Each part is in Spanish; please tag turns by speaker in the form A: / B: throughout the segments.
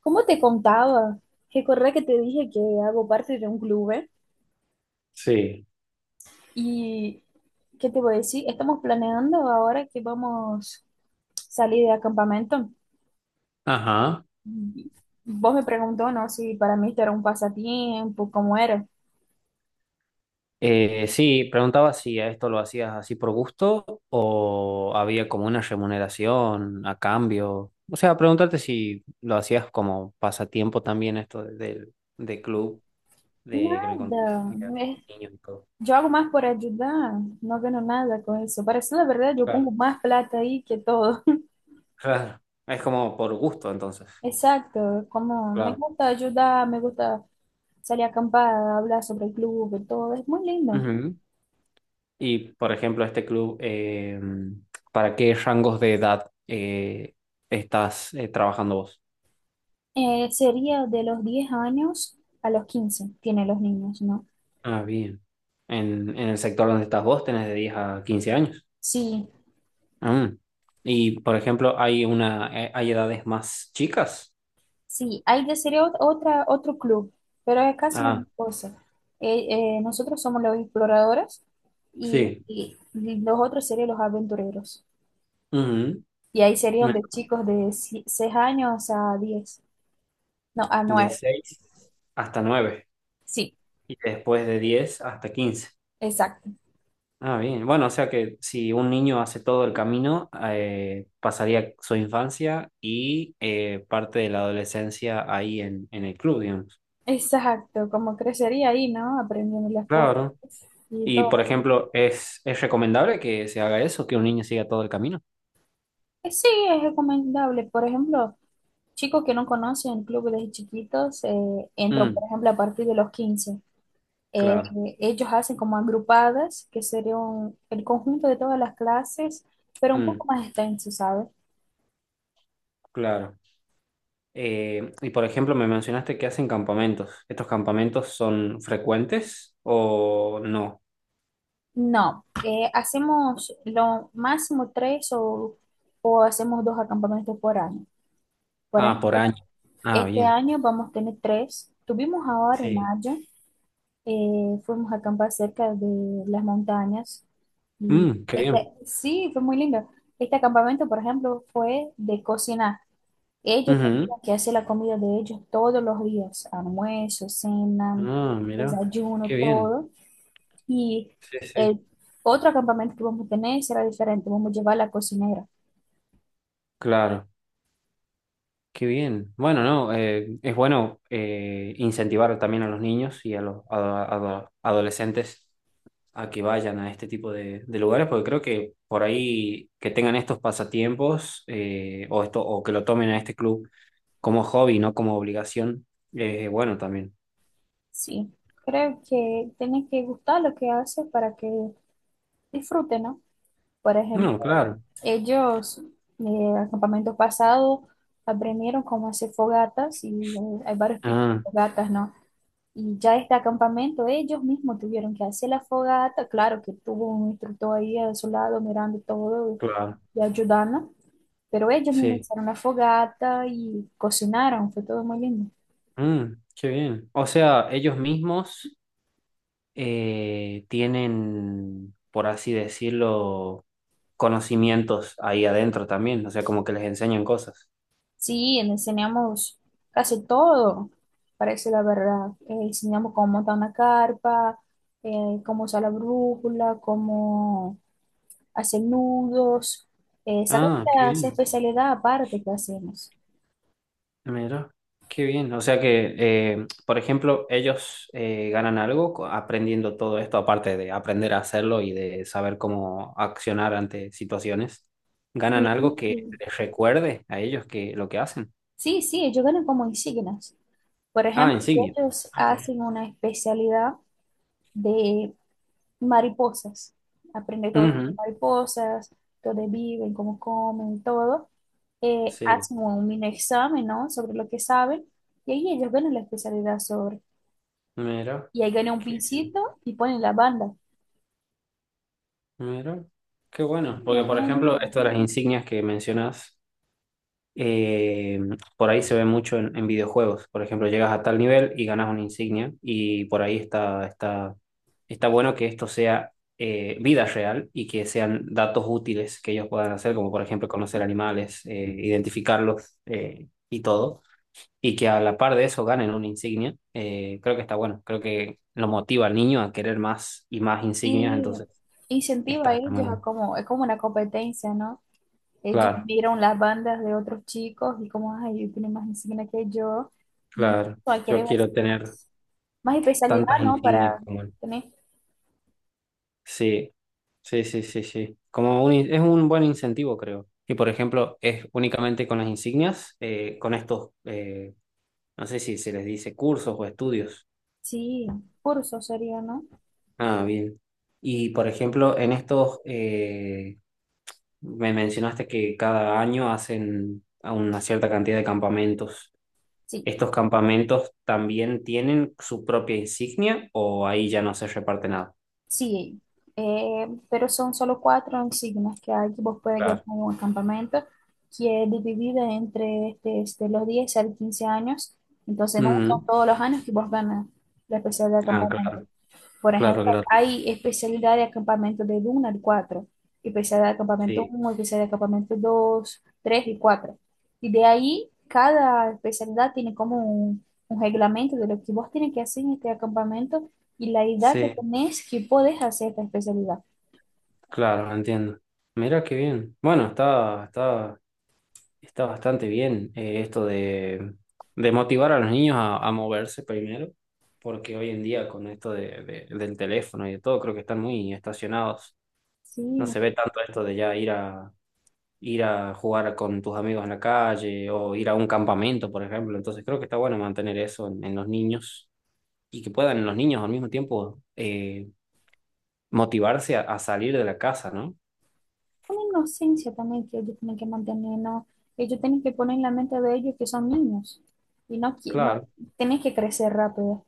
A: Como te contaba, recordé que te dije que hago parte de un club, ¿eh?
B: Sí,
A: Y, ¿qué te voy a decir? Estamos planeando ahora que vamos a salir de acampamento.
B: ajá.
A: Y vos me preguntó, ¿no? Si para mí esto era un pasatiempo, ¿cómo era?
B: Sí, preguntaba si a esto lo hacías así por gusto o había como una remuneración a cambio. O sea, preguntarte si lo hacías como pasatiempo también esto de- del de club, de que me contaste,
A: Nada.
B: que y todo.
A: Yo hago más por ayudar, no gano nada con eso. Para decir la verdad, yo
B: Claro.
A: pongo más plata ahí que todo.
B: Claro. Es como por gusto entonces.
A: Exacto, como me
B: Claro.
A: gusta ayudar, me gusta salir a acampar, hablar sobre el club y todo, es muy lindo.
B: Ujú. Y por ejemplo, este club, ¿para qué rangos de edad estás trabajando vos?
A: Sería de los 10 años a los 15 tienen los niños, ¿no?
B: Ah, bien. En el sector donde estás vos tenés de 10 a 15 años.
A: Sí,
B: Ah. Y, por ejemplo, hay edades más chicas.
A: sí, hay de sería otra, otro club, pero es casi la
B: Ah,
A: misma cosa. Nosotros somos los exploradores y,
B: sí.
A: los otros serían los aventureros.
B: Ujú.
A: Y ahí serían
B: Me-
A: de chicos de si, 6 años a 10, no, a
B: De
A: 9.
B: 6 hasta 9
A: Sí,
B: y después de 10 hasta 15.
A: exacto,
B: Ah, bien. Bueno, o sea que si un niño hace todo el camino, pasaría su infancia y parte de la adolescencia ahí en el club, digamos.
A: exacto, como crecería ahí, ¿no? Aprendiendo las cosas
B: Claro.
A: y
B: Y, por
A: todo.
B: ejemplo, ¿es recomendable que se haga eso, que un niño siga todo el camino?
A: Sí, es recomendable, por ejemplo. Chicos que no conocen club desde chiquitos entran, por
B: Mm,
A: ejemplo, a partir de los 15. Eh,
B: claro,
A: Ellos hacen como agrupadas, que sería el conjunto de todas las clases, pero un poco
B: mm,
A: más extenso, ¿sabes?
B: claro. Y, por ejemplo, me mencionaste que hacen campamentos. ¿Estos campamentos son frecuentes o no?
A: No, hacemos lo máximo tres o hacemos dos acampamentos por año. Por
B: Ah, por
A: ejemplo,
B: año. Ah,
A: este
B: bien.
A: año vamos a tener tres. Tuvimos ahora en
B: Sí.
A: mayo. Fuimos a acampar cerca de las montañas y
B: Mm, qué bien.
A: este, sí, fue muy lindo. Este acampamento, por ejemplo, fue de cocinar. Ellos
B: Ujú.
A: tenían que hacer la comida de ellos todos los días, almuerzo, cena,
B: Ah, mira,
A: desayuno,
B: qué bien.
A: todo. Y
B: Sí, sí.
A: el otro acampamento que vamos a tener será diferente, vamos a llevar la cocinera.
B: Claro, qué bien. Bueno, no, es bueno incentivar también a los niños y a los adolescentes a que vayan a este tipo de lugares, porque creo que por ahí que tengan estos pasatiempos o, o que lo tomen a este club como hobby, no como obligación, es bueno también.
A: Sí, creo que tienen que gustar lo que hace para que disfruten, ¿no? Por ejemplo.
B: No, claro.
A: Ellos, eh, el campamento pasado, aprendieron cómo hacer fogatas y hay varios tipos de
B: Ah,
A: fogatas, ¿no? Y ya este campamento, ellos mismos tuvieron que hacer la fogata. Claro que tuvo un instructor ahí a su lado mirando todo
B: claro.
A: y ayudando, pero ellos mismos
B: Sí.
A: hicieron la fogata y cocinaron, fue todo muy lindo.
B: Mm, qué bien. O sea, ellos mismos tienen, por así decirlo, conocimientos ahí adentro también, o sea, como que les enseñan cosas.
A: Sí, le enseñamos casi todo, parece la verdad. Enseñamos cómo montar una carpa, cómo usar la brújula, cómo hacer nudos, sacar
B: Ah, qué
A: esa
B: bien.
A: especialidad aparte que hacemos.
B: Mira, qué bien. O sea que, por ejemplo, ellos ganan algo aprendiendo todo esto, aparte de aprender a hacerlo y de saber cómo accionar ante situaciones. ¿Ganan algo que
A: Sí,
B: les recuerde a ellos que lo que hacen?
A: sí, sí, ellos ganan como insignias. Por
B: Ah,
A: ejemplo, si
B: insignia.
A: ellos
B: Okay.
A: hacen una especialidad de mariposas, aprende todo tipo de
B: Ujú,
A: mariposas, dónde viven, cómo comen, todo,
B: sí,
A: hacen un mini examen, ¿no? Sobre lo que saben, y ahí ellos ganan la especialidad sobre.
B: mira,
A: Y ahí ganan un
B: qué bien.
A: pincito y ponen la banda.
B: Mira, qué
A: Sí,
B: bueno. Porque,
A: es
B: por
A: muy
B: ejemplo,
A: lindo.
B: esto de las insignias que mencionas. eh, por ahí se ve mucho en videojuegos. Por ejemplo, llegas a tal nivel y ganas una insignia y por ahí está bueno que esto sea vida real y que sean datos útiles que ellos puedan hacer, como por ejemplo conocer animales, identificarlos y todo. Y que a la par de eso ganen una insignia, creo que está bueno. Creo que lo motiva al niño a querer más y más insignias,
A: Y
B: entonces
A: incentiva
B: está,
A: a
B: está muy
A: ellos a
B: bueno.
A: como, es como una competencia, ¿no? Ellos
B: Claro,
A: miran las bandas de otros chicos y como, ay, él tiene más insignia que yo. Y
B: claro.
A: hay
B: Yo
A: querer más,
B: quiero tener
A: más especialidad,
B: tantas
A: ¿no?
B: insignias
A: Para
B: como él.
A: tener,
B: Sí, sí, sí, sí, sí. Como Es un buen incentivo, creo. Y por ejemplo, es únicamente con las insignias, con estos, no sé si se les dice cursos o estudios.
A: sí, curso sería, ¿no?
B: Ah, bien. Y por ejemplo, me mencionaste que cada año hacen a una cierta cantidad de campamentos.
A: Sí,
B: ¿Estos campamentos también tienen su propia insignia o ahí ya no se reparte nada?
A: sí. Pero son solo 4 insignias que hay que vos puedes ganar
B: Claro.
A: en un campamento, que es dividida entre este, los 10 al 15 años. Entonces no son
B: Ujú.
A: todos los años que vos ganas la especialidad de
B: Ah, claro,
A: campamento. Por
B: claro,
A: ejemplo,
B: claro.
A: hay especialidad de acampamento de 1 al 4, especialidad de acampamento
B: Sí,
A: 1, especialidad de acampamento 2, 3 y 4. Y de ahí, cada especialidad tiene como un reglamento de lo que vos tenés que hacer en este acampamento y la edad que
B: sí.
A: tenés que podés hacer esta especialidad.
B: Claro, entiendo. Mira qué bien. Bueno, está, está bastante bien esto de motivar a los niños a moverse primero, porque hoy en día con esto del teléfono y de todo, creo que están muy estacionados. No
A: Sí,
B: se ve tanto esto de ya ir a jugar con tus amigos en la calle o ir a un campamento, por ejemplo. Entonces creo que está bueno mantener eso en los niños y que puedan los niños al mismo tiempo motivarse a salir de la casa, ¿no?
A: una inocencia también que ellos tienen que mantener, ¿no? Ellos tienen que poner en la mente de ellos que son niños y no, que no
B: Claro.
A: tenés que crecer rápido.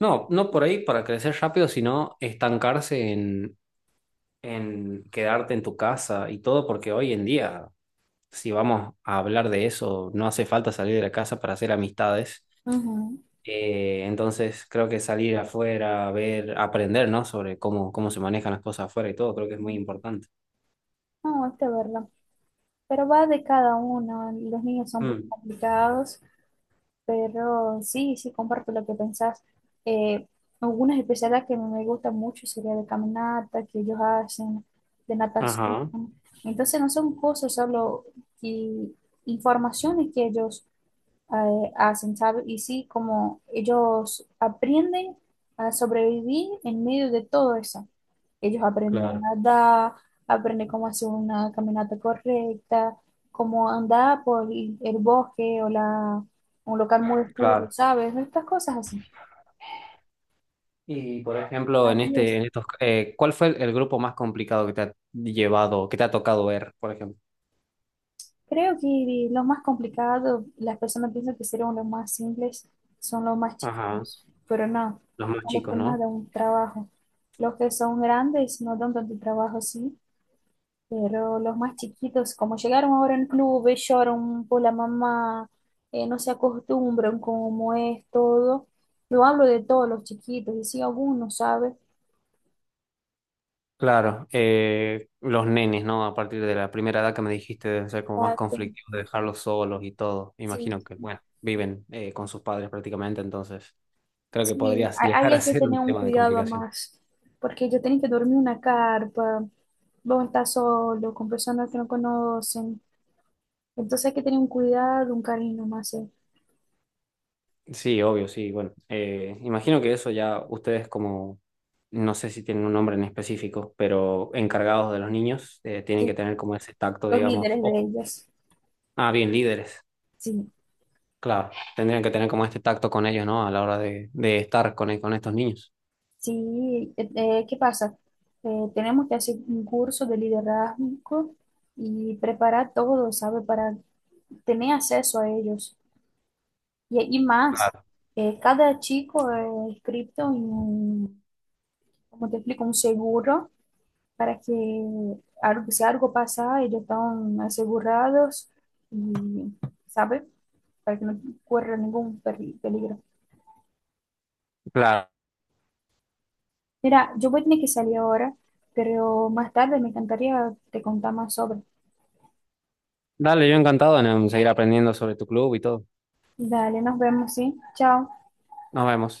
B: No, no por ahí para crecer rápido, sino estancarse en quedarte en tu casa y todo, porque hoy en día, si vamos a hablar de eso, no hace falta salir de la casa para hacer amistades.
A: Ujú.
B: Entonces, creo que salir afuera, ver, aprender, ¿no? Sobre cómo, cómo se manejan las cosas afuera y todo, creo que es muy importante.
A: No, esta es verdad. Pero va de cada uno. Los niños son un poco
B: Mm,
A: complicados, pero sí, sí, comparto lo que pensás. Eh, Algunas especialidades que me gustan mucho sería de caminata, que ellos hacen, de natación.
B: ajá,
A: Entonces no son cosas solo que- informaciones que ellos hacen, ¿sabes? Y sí, como ellos aprenden a sobrevivir en medio de todo eso. Ellos aprenden
B: claro,
A: a nadar, aprenden cómo hacer una caminata correcta, cómo andar por el bosque o la, un local muy oscuro,
B: claro.
A: ¿sabes? Estas cosas así.
B: Y, por ejemplo, en
A: Así
B: este,
A: es.
B: en estos, ¿cuál fue el grupo más complicado que te ha llevado, que te ha tocado ver, por ejemplo?
A: Creo que lo más complicado, las personas piensan que serían los más simples, son los más
B: Ajá,
A: chiquitos, pero no,
B: los más
A: son los que
B: chicos,
A: más
B: ¿no?
A: dan un trabajo. Los que son grandes no dan tanto trabajo así, pero los más chiquitos, como llegaron ahora en clubes lloran por la mamá, no se acostumbran como es todo. Yo hablo de todos los chiquitos, y si alguno sabe,
B: Claro, los nenes, ¿no? A partir de la primera edad que me dijiste deben ser como más
A: ah,
B: conflictivos de dejarlos solos y todo. Me
A: sí,
B: imagino que, bueno, viven con sus padres prácticamente, entonces creo que
A: sí,
B: podrías
A: ahí
B: llegar a
A: hay que
B: ser
A: tener
B: un
A: un
B: tema de
A: cuidado
B: complicación.
A: más, porque yo tengo que dormir en una carpa, vos estás solo, con personas que no conocen, entonces hay que tener un cuidado, un cariño más,
B: Sí, obvio, sí, bueno. Imagino que eso ya ustedes como, no sé si tienen un nombre en específico, pero encargados de los niños, tienen
A: sí,
B: que tener como ese tacto,
A: los
B: digamos.
A: líderes de ellas,
B: Ah, bien, líderes,
A: sí.
B: claro. Tendrían que tener como este tacto con ellos, ¿no? A la hora de estar con estos niños.
A: Sí, ¿qué pasa? Tenemos que hacer un curso de liderazgo y preparar todo, ¿sabe? Para tener acceso a ellos. Y más,
B: Claro,
A: cada chico es inscrito en un, como te explico, un seguro para que algo, si algo pasa, ellos están asegurados y, ¿sabe? Para que no corra ningún peligro.
B: claro.
A: Mira, yo voy a tener que salir ahora, pero más tarde me encantaría te contar más sobre.
B: Dale, yo encantado en seguir aprendiendo sobre tu club y todo.
A: Dale, nos vemos, ¿sí? Chao.
B: Nos vemos.